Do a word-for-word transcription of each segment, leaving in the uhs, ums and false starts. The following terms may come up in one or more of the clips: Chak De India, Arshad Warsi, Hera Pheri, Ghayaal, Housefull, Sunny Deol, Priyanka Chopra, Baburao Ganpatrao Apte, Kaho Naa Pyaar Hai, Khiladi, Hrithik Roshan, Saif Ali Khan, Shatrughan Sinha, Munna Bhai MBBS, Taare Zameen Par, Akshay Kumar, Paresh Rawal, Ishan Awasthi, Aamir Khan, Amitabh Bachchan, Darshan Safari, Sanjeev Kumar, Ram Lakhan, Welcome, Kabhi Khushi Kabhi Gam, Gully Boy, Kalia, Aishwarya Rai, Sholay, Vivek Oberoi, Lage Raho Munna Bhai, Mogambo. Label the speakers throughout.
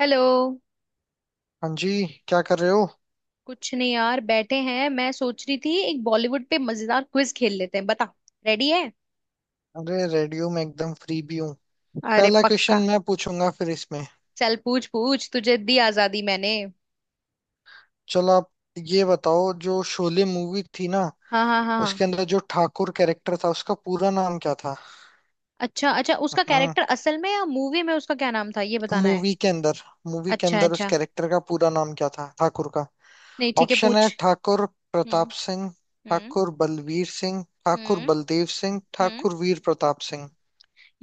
Speaker 1: Hello.
Speaker 2: हाँ जी, क्या कर रहे हो?
Speaker 1: कुछ नहीं यार बैठे हैं। मैं सोच रही थी एक बॉलीवुड पे मजेदार क्विज खेल लेते हैं। बता रेडी है।
Speaker 2: अरे रेडियो में एकदम फ्री भी हूँ।
Speaker 1: अरे
Speaker 2: पहला क्वेश्चन
Speaker 1: पक्का।
Speaker 2: मैं पूछूंगा फिर इसमें।
Speaker 1: चल पूछ पूछ, तुझे दी आजादी मैंने।
Speaker 2: चलो आप ये बताओ, जो शोले मूवी थी ना,
Speaker 1: हाँ हाँ हाँ हाँ।
Speaker 2: उसके अंदर जो ठाकुर कैरेक्टर था उसका पूरा नाम क्या था?
Speaker 1: अच्छा अच्छा, उसका
Speaker 2: हम्म।
Speaker 1: कैरेक्टर असल में या मूवी में उसका क्या नाम था ये बताना है।
Speaker 2: मूवी के अंदर मूवी के
Speaker 1: अच्छा
Speaker 2: अंदर उस
Speaker 1: अच्छा।
Speaker 2: कैरेक्टर का पूरा नाम क्या था ठाकुर का?
Speaker 1: नहीं ठीक है
Speaker 2: ऑप्शन है
Speaker 1: पूछ।
Speaker 2: ठाकुर
Speaker 1: हम्म
Speaker 2: प्रताप सिंह,
Speaker 1: हम्म
Speaker 2: ठाकुर बलवीर सिंह, ठाकुर
Speaker 1: हम्म
Speaker 2: बलदेव सिंह,
Speaker 1: हम्म।
Speaker 2: ठाकुर वीर प्रताप सिंह।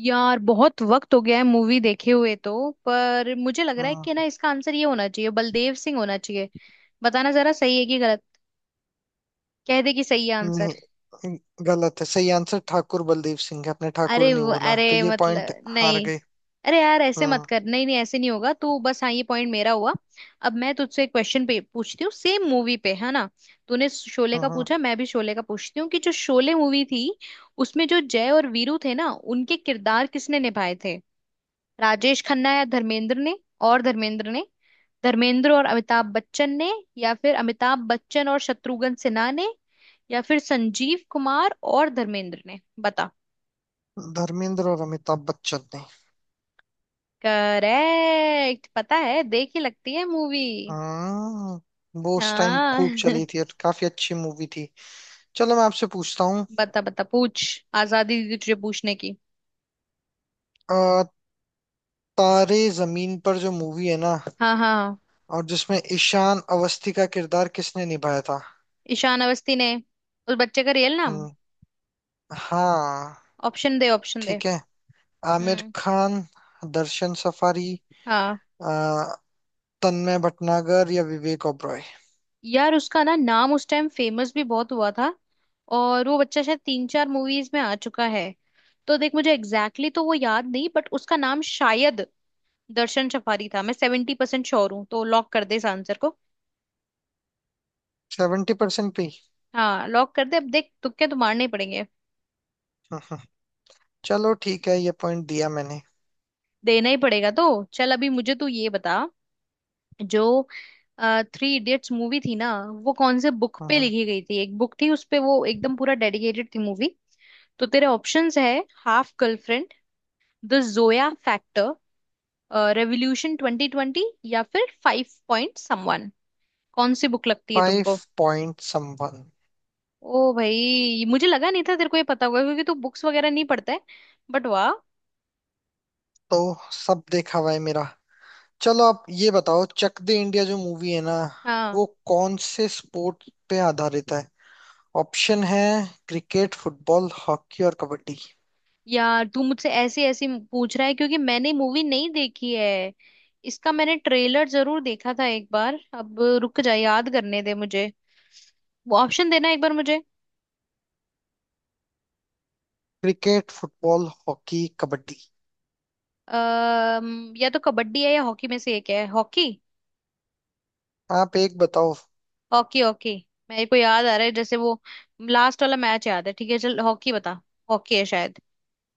Speaker 1: यार बहुत वक्त हो गया है मूवी देखे हुए तो, पर मुझे लग रहा है कि ना
Speaker 2: हम्म।
Speaker 1: इसका आंसर ये होना चाहिए, बलदेव सिंह होना चाहिए। बताना जरा सही है कि गलत। कह दे कि सही है।
Speaker 2: नहीं, गलत है। सही आंसर ठाकुर बलदेव सिंह है। आपने ठाकुर
Speaker 1: अरे
Speaker 2: नहीं
Speaker 1: वो-
Speaker 2: बोला
Speaker 1: अरे
Speaker 2: तो ये पॉइंट
Speaker 1: मतलब
Speaker 2: हार
Speaker 1: नहीं।
Speaker 2: गए।
Speaker 1: अरे यार ऐसे मत
Speaker 2: हम्म
Speaker 1: कर। नहीं नहीं ऐसे नहीं होगा तू बस। हाँ ये पॉइंट मेरा हुआ। अब मैं तुझसे एक क्वेश्चन पे पूछती हूँ, सेम मूवी पे है ना। तूने शोले का
Speaker 2: हम्म
Speaker 1: पूछा, मैं भी शोले का पूछती हूँ कि जो शोले मूवी थी उसमें जो जय और वीरू थे ना उनके किरदार किसने निभाए थे। राजेश खन्ना या धर्मेंद्र ने। और धर्मेंद्र ने। धर्मेंद्र और अमिताभ बच्चन ने। या फिर अमिताभ बच्चन और शत्रुघ्न सिन्हा ने। या फिर संजीव कुमार और धर्मेंद्र ने बता।
Speaker 2: हम्म। धर्मेंद्र और अमिताभ बच्चन ने।
Speaker 1: करेक्ट, पता है देख ही लगती है मूवी।
Speaker 2: हाँ, वो उस टाइम
Speaker 1: हाँ।
Speaker 2: खूब चली थी और काफी अच्छी मूवी थी। चलो मैं आपसे पूछता हूँ।
Speaker 1: बता बता पूछ। आजादी दी तुझे पूछने की।
Speaker 2: अ, तारे जमीन पर जो मूवी है ना,
Speaker 1: हाँ हाँ हाँ।
Speaker 2: और जिसमें ईशान अवस्थी का किरदार किसने निभाया था?
Speaker 1: ईशान अवस्थी ने। उस बच्चे का रियल नाम।
Speaker 2: हम्म। हाँ।
Speaker 1: ऑप्शन दे ऑप्शन दे।
Speaker 2: ठीक है। आमिर
Speaker 1: हम्म।
Speaker 2: खान, दर्शन सफारी,
Speaker 1: हाँ।
Speaker 2: अ, तन्मय भटनागर या विवेक ओबरॉय।
Speaker 1: यार उसका ना नाम उस टाइम फेमस भी बहुत हुआ था। और वो बच्चा शायद तीन चार मूवीज में आ चुका है। तो देख मुझे एग्जैक्टली exactly तो वो याद नहीं, बट उसका नाम शायद दर्शन सफारी था। मैं सेवेंटी परसेंट श्योर हूँ, तो लॉक कर दे इस आंसर को।
Speaker 2: सेवेंटी परसेंट पे ही।
Speaker 1: हाँ लॉक कर दे। अब देख तुक्के तो मारने ही पड़ेंगे।
Speaker 2: हम्म, हम्म। चलो ठीक है ये पॉइंट दिया मैंने।
Speaker 1: देना ही पड़ेगा तो चल, अभी मुझे तू ये बता, जो थ्री इडियट्स मूवी थी ना वो कौन से बुक पे लिखी गई थी। एक बुक थी उस पे वो एकदम पूरा डेडिकेटेड थी मूवी। तो तेरे ऑप्शंस है Half Girlfriend, The Zoya Factor, Revolution twenty twenty, या फिर फाइव पॉइंट समवन। कौन सी बुक लगती है
Speaker 2: फाइव
Speaker 1: तुमको।
Speaker 2: Point someone.
Speaker 1: ओ भाई, मुझे लगा नहीं था तेरे को ये पता होगा क्योंकि तू बुक्स वगैरह नहीं पढ़ता है। बट वाह।
Speaker 2: तो सब देखा हुआ है मेरा। चलो आप ये बताओ, चक दे इंडिया जो मूवी है ना,
Speaker 1: हाँ।
Speaker 2: वो कौन से स्पोर्ट पे आधारित है? ऑप्शन है क्रिकेट, फुटबॉल, हॉकी और कबड्डी।
Speaker 1: यार तू मुझसे ऐसी ऐसी पूछ रहा है क्योंकि मैंने मूवी नहीं देखी है। इसका मैंने ट्रेलर जरूर देखा था एक बार। अब रुक जा, याद करने दे मुझे। वो ऑप्शन देना एक बार मुझे।
Speaker 2: Cricket, football, hockey, kabaddi.
Speaker 1: अः या तो कबड्डी है या हॉकी, में से एक है। हॉकी
Speaker 2: आप एक बताओ।
Speaker 1: Hockey hockey. मेरे को याद आ रहा है जैसे वो लास्ट वाला मैच याद है। ठीक है चल हॉकी बता। हॉकी है शायद।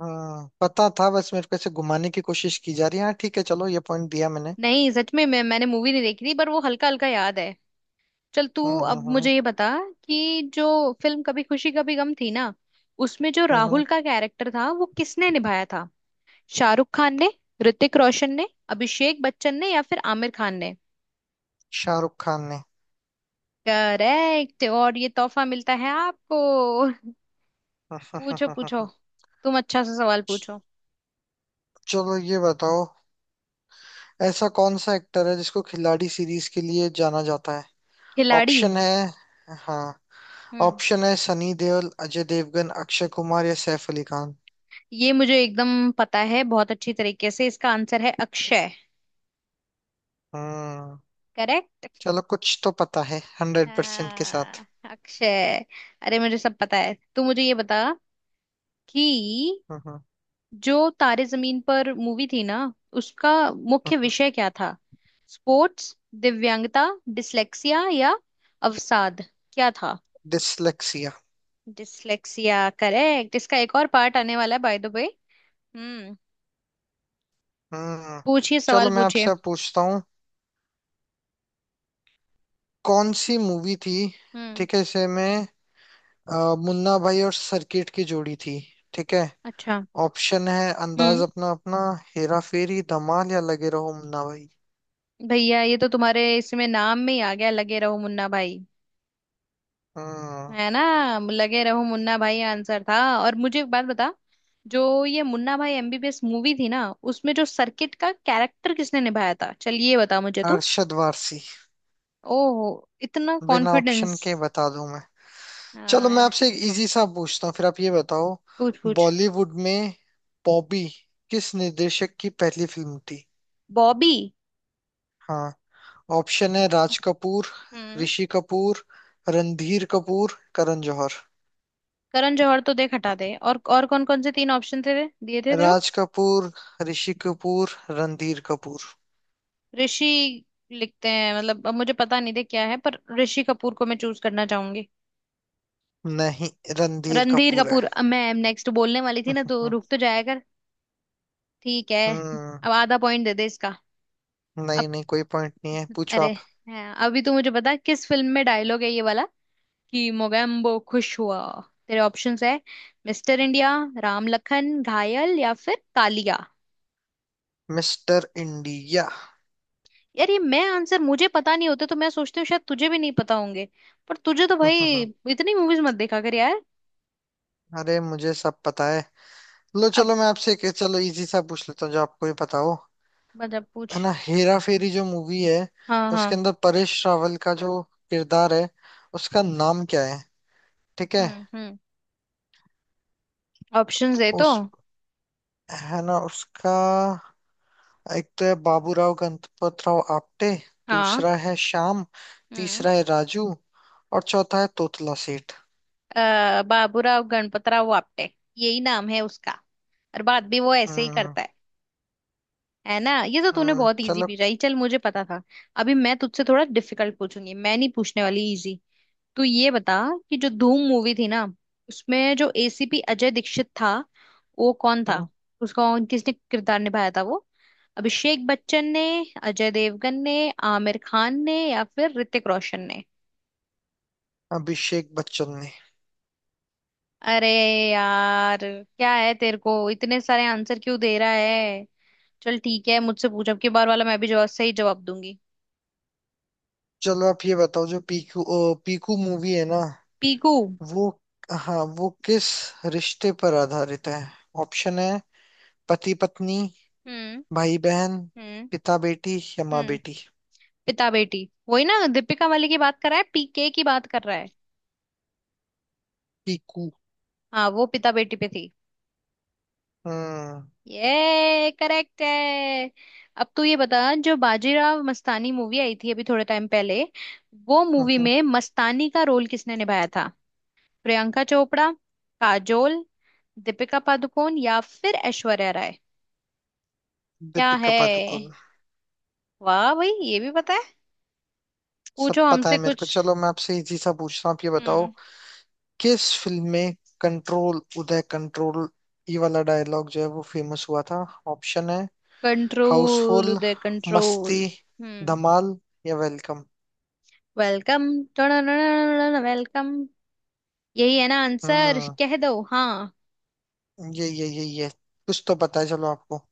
Speaker 2: हाँ, पता था, बस मेरे को ऐसे घुमाने की कोशिश की जा रही है। हाँ ठीक है, चलो ये पॉइंट दिया मैंने।
Speaker 1: नहीं सच में, मैं मैंने मूवी नहीं देखी थी पर वो हल्का हल्का याद है। चल तू।
Speaker 2: हम्म हम्म
Speaker 1: अब
Speaker 2: हम्म
Speaker 1: मुझे ये बता कि जो फिल्म कभी खुशी कभी गम थी ना उसमें जो
Speaker 2: हम्म।
Speaker 1: राहुल का कैरेक्टर था वो किसने निभाया था। शाहरुख खान ने, ऋतिक रोशन ने, अभिषेक बच्चन ने या फिर आमिर खान ने।
Speaker 2: शाहरुख खान ने।
Speaker 1: करेक्ट, और ये तोहफा मिलता है आपको। पूछो पूछो। तुम अच्छा सा सवाल पूछो।
Speaker 2: चलो ये बताओ, ऐसा कौन सा एक्टर है जिसको खिलाड़ी सीरीज के लिए जाना जाता है?
Speaker 1: खिलाड़ी।
Speaker 2: ऑप्शन है, हाँ,
Speaker 1: हम्म।
Speaker 2: ऑप्शन है सनी देओल, अजय देवगन, अक्षय कुमार या सैफ अली खान।
Speaker 1: ये मुझे एकदम पता है बहुत अच्छी तरीके से। इसका आंसर है अक्षय।
Speaker 2: हम्म।
Speaker 1: करेक्ट।
Speaker 2: चलो कुछ तो पता है हंड्रेड परसेंट के साथ।
Speaker 1: हाँ। अक्षय। अरे मुझे सब पता है। तू मुझे ये बता कि
Speaker 2: हम्म।
Speaker 1: जो तारे जमीन पर मूवी थी ना उसका मुख्य विषय क्या था। स्पोर्ट्स, दिव्यांगता, डिसलेक्सिया या अवसाद। क्या था।
Speaker 2: डिसलेक्सिया।
Speaker 1: Dyslexia correct. इसका एक और पार्ट आने वाला है बाय द वे। हम्म।
Speaker 2: हम्म।
Speaker 1: पूछिए सवाल
Speaker 2: चलो मैं
Speaker 1: पूछिए।
Speaker 2: आपसे अब पूछता हूँ, कौन सी मूवी थी,
Speaker 1: हम्म।
Speaker 2: ठीक है इसे में, अ, मुन्ना भाई और सर्किट की जोड़ी थी, ठीक है।
Speaker 1: अच्छा।
Speaker 2: ऑप्शन है अंदाज
Speaker 1: हम्म।
Speaker 2: अपना अपना, हेरा फेरी, धमाल या लगे रहो मुन्ना भाई।
Speaker 1: भैया ये तो तुम्हारे इसमें नाम में ही आ गया, लगे रहो मुन्ना भाई।
Speaker 2: हम्म।
Speaker 1: है ना। लगे रहो मुन्ना भाई आंसर था। और मुझे एक बात बता। जो ये मुन्ना भाई M B B S movie थी ना उसमें जो सर्किट का कैरेक्टर किसने निभाया था, चल ये बता मुझे तू।
Speaker 2: अरशद वारसी।
Speaker 1: ओहो, इतना
Speaker 2: बिना ऑप्शन
Speaker 1: कॉन्फिडेंस।
Speaker 2: के बता दूं मैं। चलो मैं
Speaker 1: हाँ।
Speaker 2: आपसे एक इजी सा पूछता हूँ, फिर आप ये बताओ।
Speaker 1: पूछ पूछ।
Speaker 2: बॉलीवुड में बॉबी किस निर्देशक की पहली फिल्म थी?
Speaker 1: बॉबी।
Speaker 2: हाँ। ऑप्शन है राज कपूर,
Speaker 1: हम्म।
Speaker 2: ऋषि कपूर, रणधीर कपूर, करण जौहर।
Speaker 1: करण जौहर तो देख हटा दे। और और कौन कौन से तीन ऑप्शन थे दिए थे जो।
Speaker 2: राज कपूर, ऋषि कपूर, रणधीर कपूर।
Speaker 1: ऋषि लिखते हैं मतलब, अब मुझे पता नहीं थे क्या है पर ऋषि कपूर को मैं चूज करना चाहूंगी।
Speaker 2: नहीं, रणधीर
Speaker 1: रणधीर
Speaker 2: कपूर है।
Speaker 1: कपूर, अब मैं नेक्स्ट बोलने वाली थी ना तो
Speaker 2: हम्म।
Speaker 1: रुक तो जाया। ठीक है।
Speaker 2: हम्म।
Speaker 1: अब आधा पॉइंट दे दे इसका। अब
Speaker 2: नहीं नहीं, कोई पॉइंट नहीं है, पूछो
Speaker 1: अरे
Speaker 2: आप।
Speaker 1: हाँ, अभी तू मुझे बता किस फिल्म में डायलॉग है ये वाला कि मोगैम्बो खुश हुआ। तेरे ऑप्शंस है मिस्टर इंडिया, राम लखन, घायल या फिर कालिया।
Speaker 2: Mister India.
Speaker 1: यार ये मैं आंसर मुझे पता नहीं होते तो मैं सोचती हूँ शायद तुझे भी नहीं पता होंगे। पर तुझे तो भाई इतनी मूवीज मत देखा कर यार।
Speaker 2: अरे, मुझे सब पता है। लो,
Speaker 1: अब
Speaker 2: चलो मैं आपसे एक, चलो इजी सा पूछ लेता हूँ जो आपको भी पता हो।
Speaker 1: मतलब पूछ।
Speaker 2: है ना, हेरा फेरी जो मूवी है
Speaker 1: हाँ
Speaker 2: उसके
Speaker 1: हाँ।
Speaker 2: अंदर परेश रावल का जो किरदार है, उसका नाम क्या है? ठीक है।
Speaker 1: हम्म हम्म। ऑप्शंस दे तो।
Speaker 2: उस, है ना, उसका, एक तो है बाबूराव गणपतराव आपटे,
Speaker 1: हाँ।
Speaker 2: दूसरा है श्याम,
Speaker 1: हम्म।
Speaker 2: तीसरा है राजू और चौथा है तोतला सेठ।
Speaker 1: अ, बाबूराव गणपतराव आपटे। यही नाम है उसका। और बात भी वो ऐसे ही
Speaker 2: हम्म।
Speaker 1: करता है। है ना। ये तो तूने
Speaker 2: हम्म,
Speaker 1: बहुत इजी
Speaker 2: चलो।
Speaker 1: पूछा, चल मुझे पता था। अभी मैं तुझसे थोड़ा डिफिकल्ट पूछूंगी। मैं नहीं पूछने वाली इजी। तू ये बता कि जो धूम मूवी थी ना उसमें जो ए सी पी अजय दीक्षित था वो कौन था।
Speaker 2: हम्म।
Speaker 1: उसका किसने किरदार निभाया था वो। अभिषेक बच्चन ने, अजय देवगन ने, आमिर खान ने या फिर ऋतिक रोशन ने।
Speaker 2: अभिषेक बच्चन ने।
Speaker 1: अरे यार क्या है, तेरे को इतने सारे आंसर क्यों दे रहा है। चल ठीक है मुझसे पूछ, अब की बार वाला मैं भी जवाब सही जवाब दूंगी।
Speaker 2: चलो आप ये बताओ, जो पीकू, ओ, पीकू मूवी है ना
Speaker 1: पीकू।
Speaker 2: वो, हाँ, वो किस रिश्ते पर आधारित है? ऑप्शन है पति पत्नी,
Speaker 1: हम्म
Speaker 2: भाई बहन,
Speaker 1: हम्म
Speaker 2: पिता बेटी या माँ
Speaker 1: हम्म।
Speaker 2: बेटी।
Speaker 1: पिता बेटी। वही ना, दीपिका वाली की बात कर रहा है, पीके की बात कर रहा है।
Speaker 2: पीकू।
Speaker 1: हाँ वो पिता बेटी पे थी।
Speaker 2: हम्म,
Speaker 1: ये करेक्ट है। अब तू ये बता, जो बाजीराव मस्तानी मूवी आई थी अभी थोड़े टाइम पहले, वो
Speaker 2: हम्म,
Speaker 1: मूवी
Speaker 2: हम्म।
Speaker 1: में मस्तानी का रोल किसने निभाया था। प्रियंका चोपड़ा, काजोल, दीपिका पादुकोण या फिर ऐश्वर्या राय। क्या है।
Speaker 2: दीपिका पादुकोण।
Speaker 1: वाह भाई ये भी पता है।
Speaker 2: सब
Speaker 1: पूछो
Speaker 2: पता
Speaker 1: हमसे
Speaker 2: है मेरे
Speaker 1: कुछ।
Speaker 2: को। चलो मैं आपसे इजी सा पूछता हूँ, आप ये बताओ,
Speaker 1: हम्म।
Speaker 2: किस फिल्म में "कंट्रोल उदय कंट्रोल" ये वाला डायलॉग जो है वो फेमस हुआ था? ऑप्शन है
Speaker 1: control
Speaker 2: Housefull,
Speaker 1: Uday control.
Speaker 2: Masti,
Speaker 1: हम्म।
Speaker 2: धमाल या वेलकम।
Speaker 1: Welcome welcome. यही है ना आंसर,
Speaker 2: हम्म।
Speaker 1: कह दो हाँ।
Speaker 2: ये ये ये ये कुछ तो पता है चलो आपको।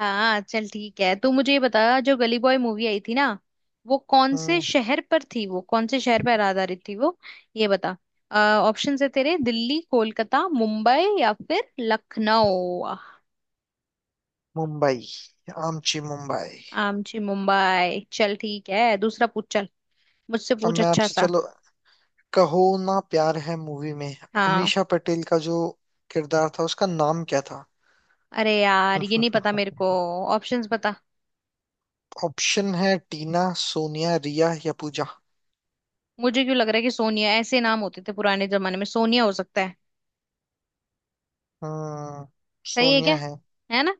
Speaker 1: हाँ। चल ठीक है तू मुझे ये बता, जो गली बॉय मूवी आई थी ना वो कौन से
Speaker 2: हम्म।
Speaker 1: शहर पर थी। वो कौन से शहर पर आधारित थी वो, ये बता। ऑप्शन है तेरे दिल्ली, कोलकाता, मुंबई या फिर लखनऊ।
Speaker 2: मुंबई। आमची मुंबई।
Speaker 1: आमची मुंबई। चल ठीक है दूसरा पूछ। चल मुझसे
Speaker 2: अब
Speaker 1: पूछ
Speaker 2: मैं
Speaker 1: अच्छा
Speaker 2: आपसे,
Speaker 1: सा।
Speaker 2: चलो कहो, ना प्यार है मूवी में
Speaker 1: हाँ।
Speaker 2: अमीषा पटेल का जो किरदार था उसका नाम क्या था?
Speaker 1: अरे यार ये नहीं पता मेरे को। ऑप्शंस बता।
Speaker 2: ऑप्शन है टीना, सोनिया, रिया या पूजा।
Speaker 1: मुझे क्यों लग रहा है कि सोनिया, ऐसे नाम होते थे पुराने जमाने में। सोनिया हो सकता है।
Speaker 2: हम्म।
Speaker 1: सही है क्या।
Speaker 2: सोनिया है।
Speaker 1: है ना।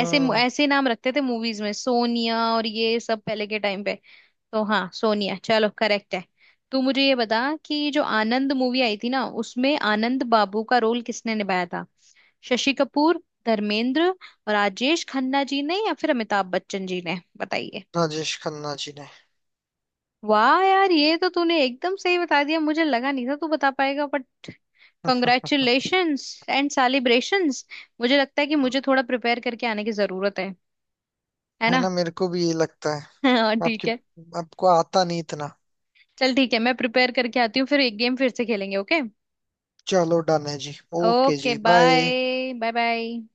Speaker 1: ऐसे ऐसे नाम रखते थे मूवीज में सोनिया, और ये सब पहले के टाइम पे। तो हाँ सोनिया, चलो करेक्ट है। तू मुझे ये बता कि जो आनंद मूवी आई थी ना उसमें आनंद बाबू का रोल किसने निभाया था। शशि कपूर, धर्मेंद्र, राजेश खन्ना जी ने या फिर अमिताभ बच्चन जी ने बताइए।
Speaker 2: राजेश खन्ना जी ने।
Speaker 1: वाह यार ये तो तूने एकदम सही बता दिया। मुझे लगा नहीं था तू बता पाएगा, बट कॉन्ग्रेचुलेशंस एंड सेलिब्रेशंस। मुझे लगता है कि मुझे थोड़ा प्रिपेयर करके आने की जरूरत है है
Speaker 2: है
Speaker 1: ना।
Speaker 2: ना, मेरे को भी ये लगता है।
Speaker 1: हाँ ठीक
Speaker 2: आपकी,
Speaker 1: है।
Speaker 2: आपको आता नहीं इतना।
Speaker 1: चल ठीक है मैं प्रिपेयर करके आती हूँ फिर एक गेम फिर से खेलेंगे। ओके।
Speaker 2: चलो डन है जी, ओके
Speaker 1: ओके
Speaker 2: जी, बाय।
Speaker 1: Bye bye bye.